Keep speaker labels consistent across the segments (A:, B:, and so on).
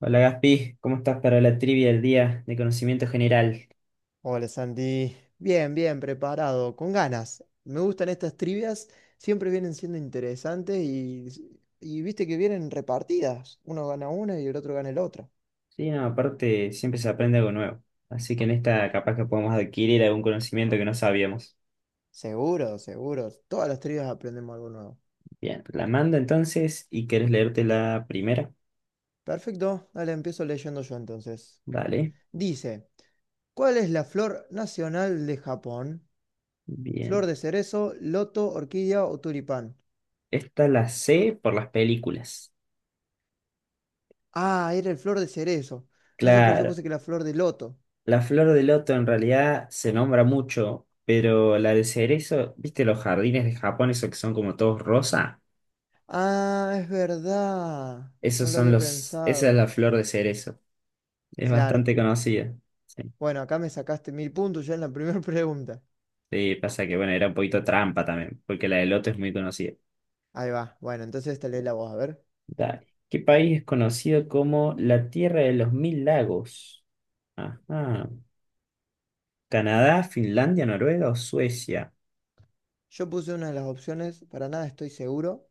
A: Hola Gaspi, ¿cómo estás para la trivia del día de conocimiento general?
B: Hola Santi, bien, bien, preparado, con ganas. Me gustan estas trivias, siempre vienen siendo interesantes y viste que vienen repartidas. Uno gana una y el otro gana el otro.
A: Sí, no, aparte siempre se aprende algo nuevo, así que en esta capaz que podemos adquirir algún conocimiento que no sabíamos.
B: Seguro, seguro. Todas las trivias aprendemos algo nuevo.
A: Bien, la mando entonces y querés leerte la primera.
B: Perfecto, dale, empiezo leyendo yo entonces.
A: Dale,
B: Dice, ¿cuál es la flor nacional de Japón?
A: bien.
B: ¿Flor de cerezo, loto, orquídea o tulipán?
A: Esta la sé por las películas.
B: Ah, era el flor de cerezo. No sé por qué yo
A: Claro,
B: puse que la flor de loto.
A: la flor de loto en realidad se nombra mucho, pero la de cerezo, ¿viste los jardines de Japón, esos que son como todos rosa?
B: Ah, es verdad. No lo había
A: Esa es
B: pensado.
A: la flor de cerezo. Es
B: Claro.
A: bastante conocida. Sí.
B: Bueno, acá me sacaste 1000 puntos ya en la primera pregunta.
A: Sí, pasa que, bueno, era un poquito trampa también, porque la de Loto es muy conocida.
B: Ahí va. Bueno, entonces esta lees la voz. A ver.
A: Dale. ¿Qué país es conocido como la Tierra de los Mil Lagos? Ajá. ¿Canadá, Finlandia, Noruega o Suecia?
B: Yo puse una de las opciones, para nada estoy seguro.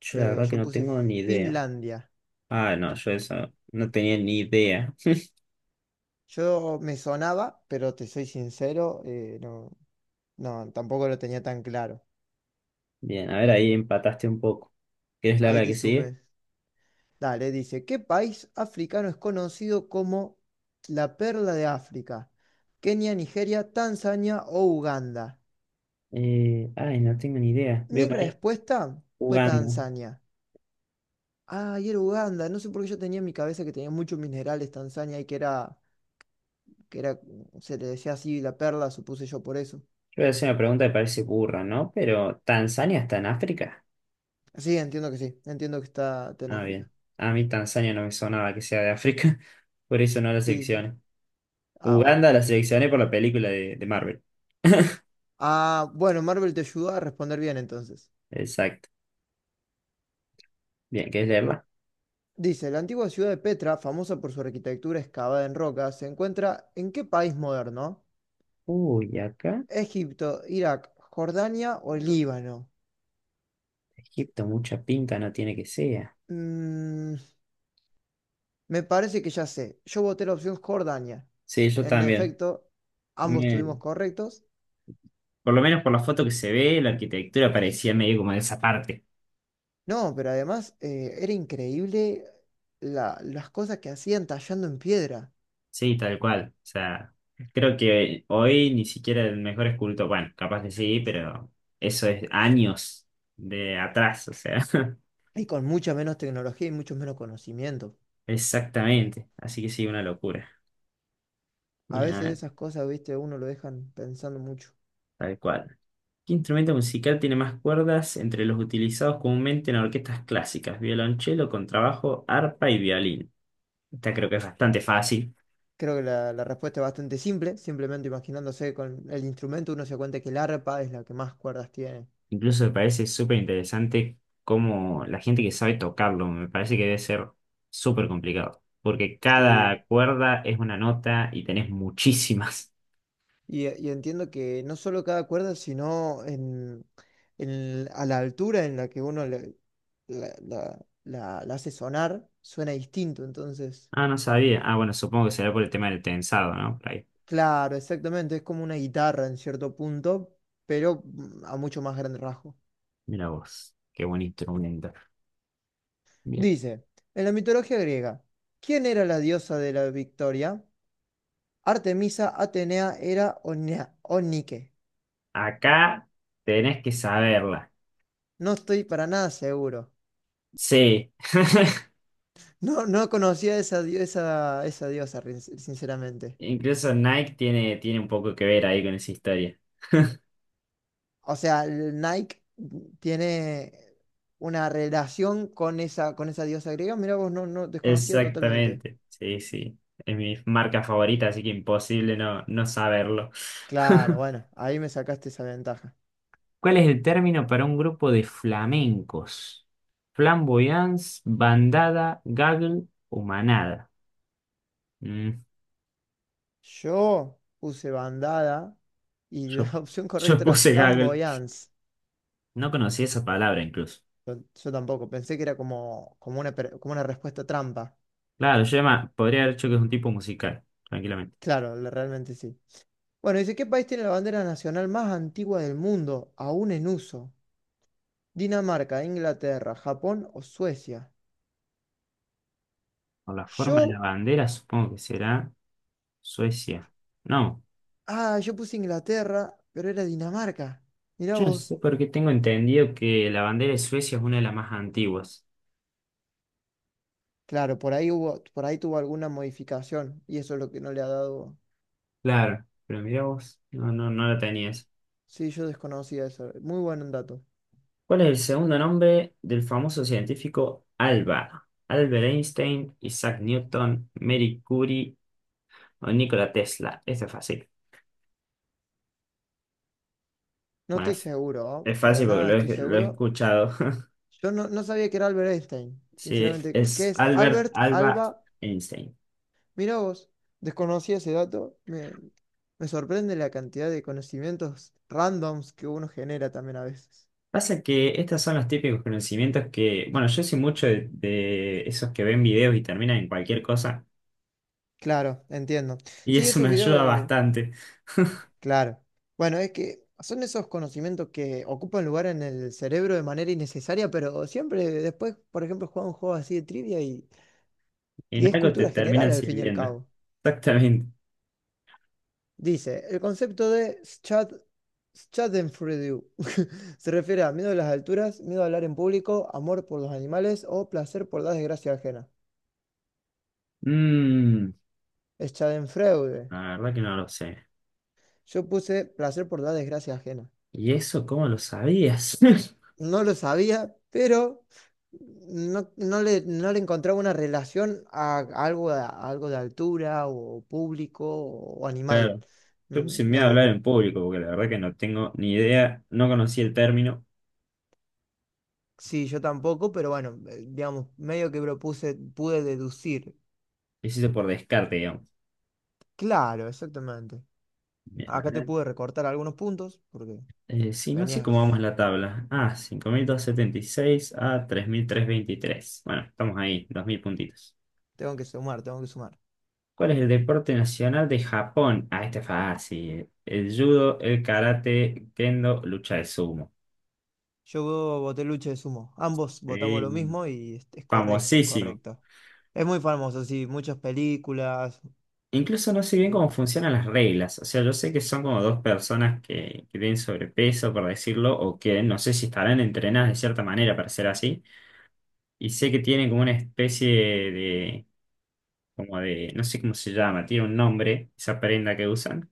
A: Yo la
B: Eh,
A: verdad que
B: yo
A: no
B: puse
A: tengo ni idea.
B: Finlandia.
A: Ah, no, yo eso no tenía ni idea.
B: Yo me sonaba, pero te soy sincero, no, no, tampoco lo tenía tan claro.
A: Bien, a ver, ahí empataste un poco. ¿Quieres la
B: Ahí
A: hora que
B: te
A: sigue?
B: sumé. Dale, dice, ¿qué país africano es conocido como la perla de África? Kenia, Nigeria, Tanzania o Uganda.
A: Ay, no tengo ni idea. Voy a
B: Mi
A: poner
B: respuesta fue
A: jugando.
B: Tanzania. Ah, y era Uganda. No sé por qué yo tenía en mi cabeza que tenía muchos minerales Tanzania y que era, que era, se le decía así la perla, supuse yo por eso.
A: Yo voy a hacer una pregunta que parece burra, ¿no? Pero, ¿Tanzania está en África?
B: Sí. Entiendo que está en
A: Ah, bien.
B: África.
A: A mí Tanzania no me sonaba que sea de África, por eso no la
B: Sí, sí. Sí.
A: seleccioné.
B: Ah, bueno.
A: Uganda la seleccioné por la película de Marvel.
B: Ah, bueno, Marvel te ayudó a responder bien entonces.
A: Exacto. Bien, ¿querés leerla?
B: Dice, ¿la antigua ciudad de Petra, famosa por su arquitectura excavada en roca, se encuentra en qué país moderno?
A: Uy, acá
B: Egipto, Irak, Jordania o Líbano.
A: Egipto mucha pinta no tiene que sea.
B: Mm, Me parece que ya sé. Yo voté la opción Jordania.
A: Sí, yo
B: En
A: también.
B: efecto, ambos
A: Me-
B: estuvimos correctos.
A: Por lo menos por la foto que se ve, la arquitectura parecía medio como de esa parte.
B: No, pero además era increíble las cosas que hacían tallando en piedra
A: Sí, tal cual. O sea, creo que hoy ni siquiera el mejor escultor, bueno, capaz que sí, pero eso es años de atrás, o sea.
B: y con mucha menos tecnología y mucho menos conocimiento.
A: Exactamente, así que sí, una locura.
B: A
A: Bien, a
B: veces
A: ver,
B: esas cosas, viste, uno lo dejan pensando mucho.
A: tal cual. ¿Qué instrumento musical tiene más cuerdas entre los utilizados comúnmente en orquestas clásicas? Violonchelo, contrabajo, arpa y violín. Esta creo que es bastante fácil.
B: Creo que la respuesta es bastante simple, simplemente imaginándose con el instrumento uno se da cuenta que el arpa es la que más cuerdas tiene.
A: Incluso me parece súper interesante cómo la gente que sabe tocarlo, me parece que debe ser súper complicado, porque
B: Sí,
A: cada cuerda es una nota y tenés muchísimas.
B: y entiendo que no solo cada cuerda, sino en a la altura en la que uno le- la- la- la hace sonar, suena distinto. Entonces,
A: Ah, no sabía. Ah, bueno, supongo que será por el tema del tensado, ¿no? Por ahí.
B: claro, exactamente, es como una guitarra en cierto punto, pero a mucho más grande rasgo.
A: Mira vos, qué buen instrumento. Bien.
B: Dice, en la mitología griega, ¿quién era la diosa de la victoria? Artemisa, Atenea era Onike.
A: Acá tenés que saberla.
B: No estoy para nada seguro.
A: Sí.
B: No, no conocía esa diosa, sinceramente.
A: Incluso Nike tiene, tiene un poco que ver ahí con esa historia.
B: O sea, el Nike tiene una relación con esa diosa griega. Mira vos, no, no, desconocía totalmente.
A: Exactamente. Sí, sí. Es mi marca favorita, así que imposible no, no saberlo.
B: Claro, bueno, ahí me sacaste esa ventaja.
A: ¿Cuál es el término para un grupo de flamencos? Flamboyance, bandada, gaggle o manada. Mm,
B: Yo puse bandada y la
A: yo,
B: opción
A: Yo
B: correcta era
A: puse gaggle.
B: flamboyance.
A: No conocí esa palabra incluso.
B: Yo, yo tampoco, pensé que era como una respuesta trampa.
A: Claro, yo llama- podría haber dicho que es un tipo musical, tranquilamente.
B: Claro, realmente sí. Bueno, dice, ¿qué país tiene la bandera nacional más antigua del mundo, aún en uso? ¿Dinamarca, Inglaterra, Japón o Suecia?
A: Por la forma de la
B: Yo
A: bandera, supongo que será Suecia. No,
B: Ah, yo puse Inglaterra, pero era Dinamarca. Mirá
A: yo no
B: vos.
A: sé por qué tengo entendido que la bandera de Suecia es una de las más antiguas.
B: Claro, por ahí tuvo alguna modificación y eso es lo que no le ha dado.
A: Claro, pero mirá vos, no, no, no la tenías.
B: Sí, yo desconocía eso. Muy buen dato.
A: ¿Cuál es el segundo nombre del famoso científico Alba? Albert Einstein, Isaac Newton, Marie Curie o Nikola Tesla. Esto es fácil.
B: No
A: Bueno,
B: estoy seguro, ¿oh?
A: es
B: Para
A: fácil porque
B: nada
A: lo
B: estoy
A: he, lo he
B: seguro.
A: escuchado.
B: Yo no sabía que era Albert Einstein,
A: Sí,
B: sinceramente. ¿Qué
A: es
B: es
A: Albert
B: Albert
A: Alba
B: Alba?
A: Einstein.
B: Mirá vos, desconocía ese dato. Me sorprende la cantidad de conocimientos randoms que uno genera también a veces.
A: Pasa que estos son los típicos conocimientos que, bueno, yo soy mucho de esos que ven videos y terminan en cualquier cosa,
B: Claro, entiendo.
A: y
B: Sí,
A: eso me
B: esos
A: ayuda
B: videos.
A: bastante.
B: Claro. Bueno, es que son esos conocimientos que ocupan lugar en el cerebro de manera innecesaria, pero siempre después, por ejemplo, juega un juego así de trivia y
A: En
B: es
A: algo te
B: cultura general
A: terminan
B: al fin y al
A: sirviendo.
B: cabo.
A: Exactamente.
B: Dice, el concepto de Schadenfreude se refiere a miedo a las alturas, miedo a hablar en público, amor por los animales o placer por la desgracia ajena.
A: Mm,
B: Schadenfreude.
A: la verdad que no lo sé.
B: Yo puse placer por la desgracia ajena.
A: ¿Y eso cómo lo sabías?
B: No lo sabía, pero no le encontraba una relación a algo, a algo de altura o público o animal.
A: Claro, yo puse miedo a
B: Digamos,
A: hablar en público, porque la verdad que no tengo ni idea, no conocí el término,
B: sí, yo tampoco, pero bueno, digamos, medio que propuse, pude deducir.
A: lo hice por descarte, digamos.
B: Claro, exactamente.
A: Bien, a
B: Acá te
A: ver.
B: pude recortar algunos puntos porque
A: Sí, no sé cómo vamos en
B: venías,
A: la tabla. Ah, 5276 a 3323. Bueno, estamos ahí, 2000 puntitos.
B: tengo que sumar, tengo que sumar.
A: ¿Cuál es el deporte nacional de Japón? Ah, este es fácil. El judo, el karate, kendo, lucha de sumo.
B: Yo voté lucha de sumo. Ambos votamos
A: Eh,
B: lo mismo y es correcto, es
A: famosísimo.
B: correcto. Es muy famoso, sí, muchas películas.
A: Incluso no sé bien
B: eh,
A: cómo funcionan las reglas. O sea, yo sé que son como dos personas que tienen sobrepeso, por decirlo, o que no sé si estarán entrenadas de cierta manera para ser así. Y sé que tienen como una especie de, como de, no sé cómo se llama, tiene un nombre, esa prenda que usan.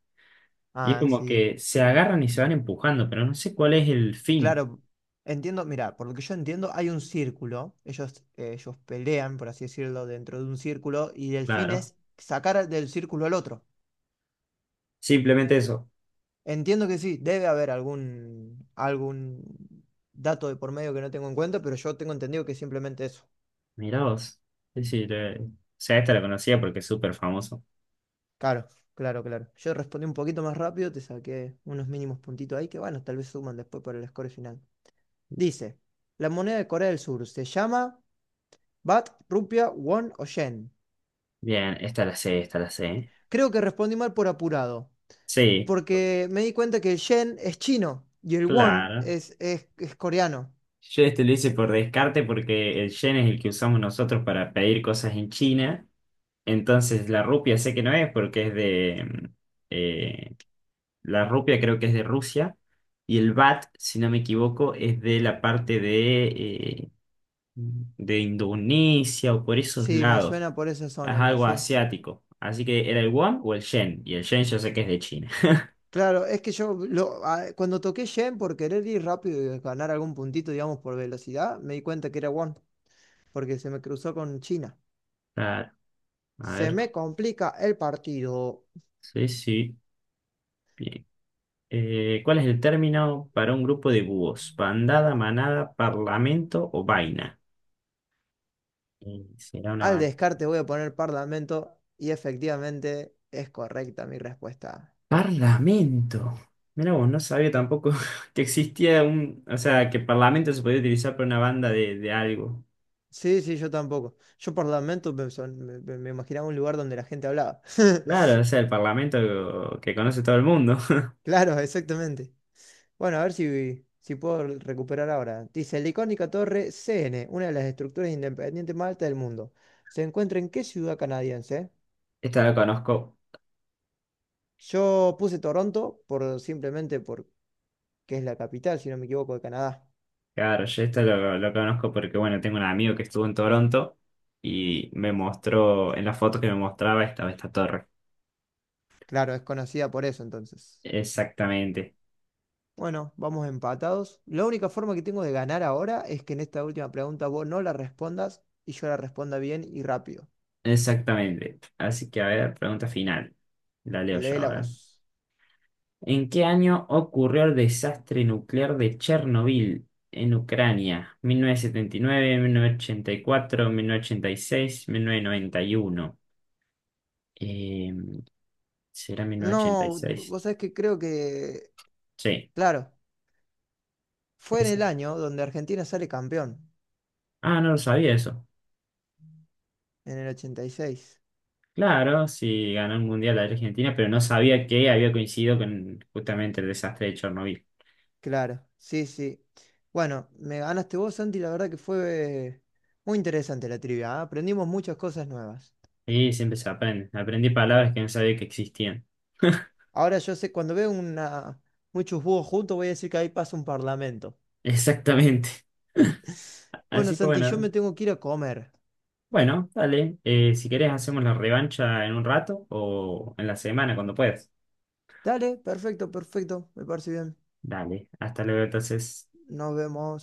A: Y es
B: Ah,
A: como
B: sí.
A: que se agarran y se van empujando, pero no sé cuál es el fin,
B: Claro, entiendo, mira, por lo que yo entiendo, hay un círculo, ellos pelean, por así decirlo, dentro de un círculo, y el fin
A: claro.
B: es sacar del círculo al otro.
A: Simplemente eso.
B: Entiendo que sí, debe haber algún dato de por medio que no tengo en cuenta, pero yo tengo entendido que es simplemente eso.
A: Mirá vos. Es decir, o sea, esta la conocía porque es súper famoso.
B: Claro, claro, claro. Yo respondí un poquito más rápido, te saqué unos mínimos puntitos ahí que, bueno, tal vez suman después por el score final. Dice, la moneda de Corea del Sur se llama Bat, Rupia, Won o Yen.
A: Bien, esta la sé, esta la sé.
B: Creo que respondí mal por apurado,
A: Sí,
B: porque me di cuenta que el yen es chino y el won
A: claro.
B: es coreano.
A: Yo este lo hice por descarte porque el yen es el que usamos nosotros para pedir cosas en China. Entonces la rupia sé que no es porque es de, eh, La rupia creo que es de Rusia y el bat, si no me equivoco, es de la parte de Indonesia o por esos
B: Sí, me
A: lados.
B: suena por esa
A: Es
B: zona a mí,
A: algo
B: sí.
A: asiático. Así que era el won o el yen. Y el yen yo sé que es de China.
B: Claro, es que yo cuando toqué yen por querer ir rápido y ganar algún puntito, digamos, por velocidad, me di cuenta que era won, porque se me cruzó con China.
A: Claro. A
B: Se
A: ver.
B: me complica el partido.
A: Sí, sí. Bien. ¿Cuál es el término para un grupo de búhos? ¿Bandada, manada, parlamento o vaina? ¿Será una
B: Al
A: bandada?
B: descarte voy a poner parlamento y efectivamente es correcta mi respuesta.
A: Parlamento. Mira vos, no sabía tampoco que existía un, o sea, que parlamento se podía utilizar para una banda de algo.
B: Sí, sí, yo tampoco. Yo por Lamento me, son- me- me- me imaginaba un lugar donde la gente hablaba.
A: Claro, o sea, el parlamento que conoce todo el mundo.
B: Claro, exactamente. Bueno, a ver si puedo recuperar ahora. Dice, la icónica torre CN, una de las estructuras independientes más altas del mundo. ¿Se encuentra en qué ciudad canadiense?
A: Esta lo conozco,
B: Yo puse Toronto por simplemente porque es la capital, si no me equivoco, de Canadá.
A: claro, yo esta lo conozco porque, bueno, tengo un amigo que estuvo en Toronto y me mostró, en las fotos que me mostraba estaba esta torre.
B: Claro, es conocida por eso entonces.
A: Exactamente,
B: Bueno, vamos empatados. La única forma que tengo de ganar ahora es que en esta última pregunta vos no la respondas y yo la responda bien y rápido.
A: exactamente. Así que, a ver, pregunta final. La leo yo
B: Lee la
A: ahora.
B: voz.
A: ¿En qué año ocurrió el desastre nuclear de Chernobyl en Ucrania? ¿1979, 1984, 1986, 1991? Eh, ¿Será
B: No,
A: 1986?
B: vos sabés que creo que,
A: Sí,
B: claro, fue en
A: esa.
B: el año donde Argentina sale campeón,
A: Ah, no lo sabía eso.
B: en el 86.
A: Claro, sí, ganó el Mundial la Argentina, pero no sabía que había coincidido con justamente el desastre de Chernobyl.
B: Claro, sí, sí. Bueno, me ganaste vos, Santi, la verdad que fue muy interesante la trivia, ¿ah? Aprendimos muchas cosas nuevas.
A: Sí, siempre se aprende. Aprendí palabras que no sabía que existían.
B: Ahora yo sé, cuando veo muchos búhos juntos, voy a decir que ahí pasa un parlamento.
A: Exactamente.
B: Bueno,
A: Así que
B: Santi, yo me
A: bueno.
B: tengo que ir a comer.
A: Bueno, dale. Si querés, hacemos la revancha en un rato o en la semana, cuando puedas.
B: Dale, perfecto, perfecto. Me parece bien.
A: Dale, hasta luego entonces.
B: Nos vemos.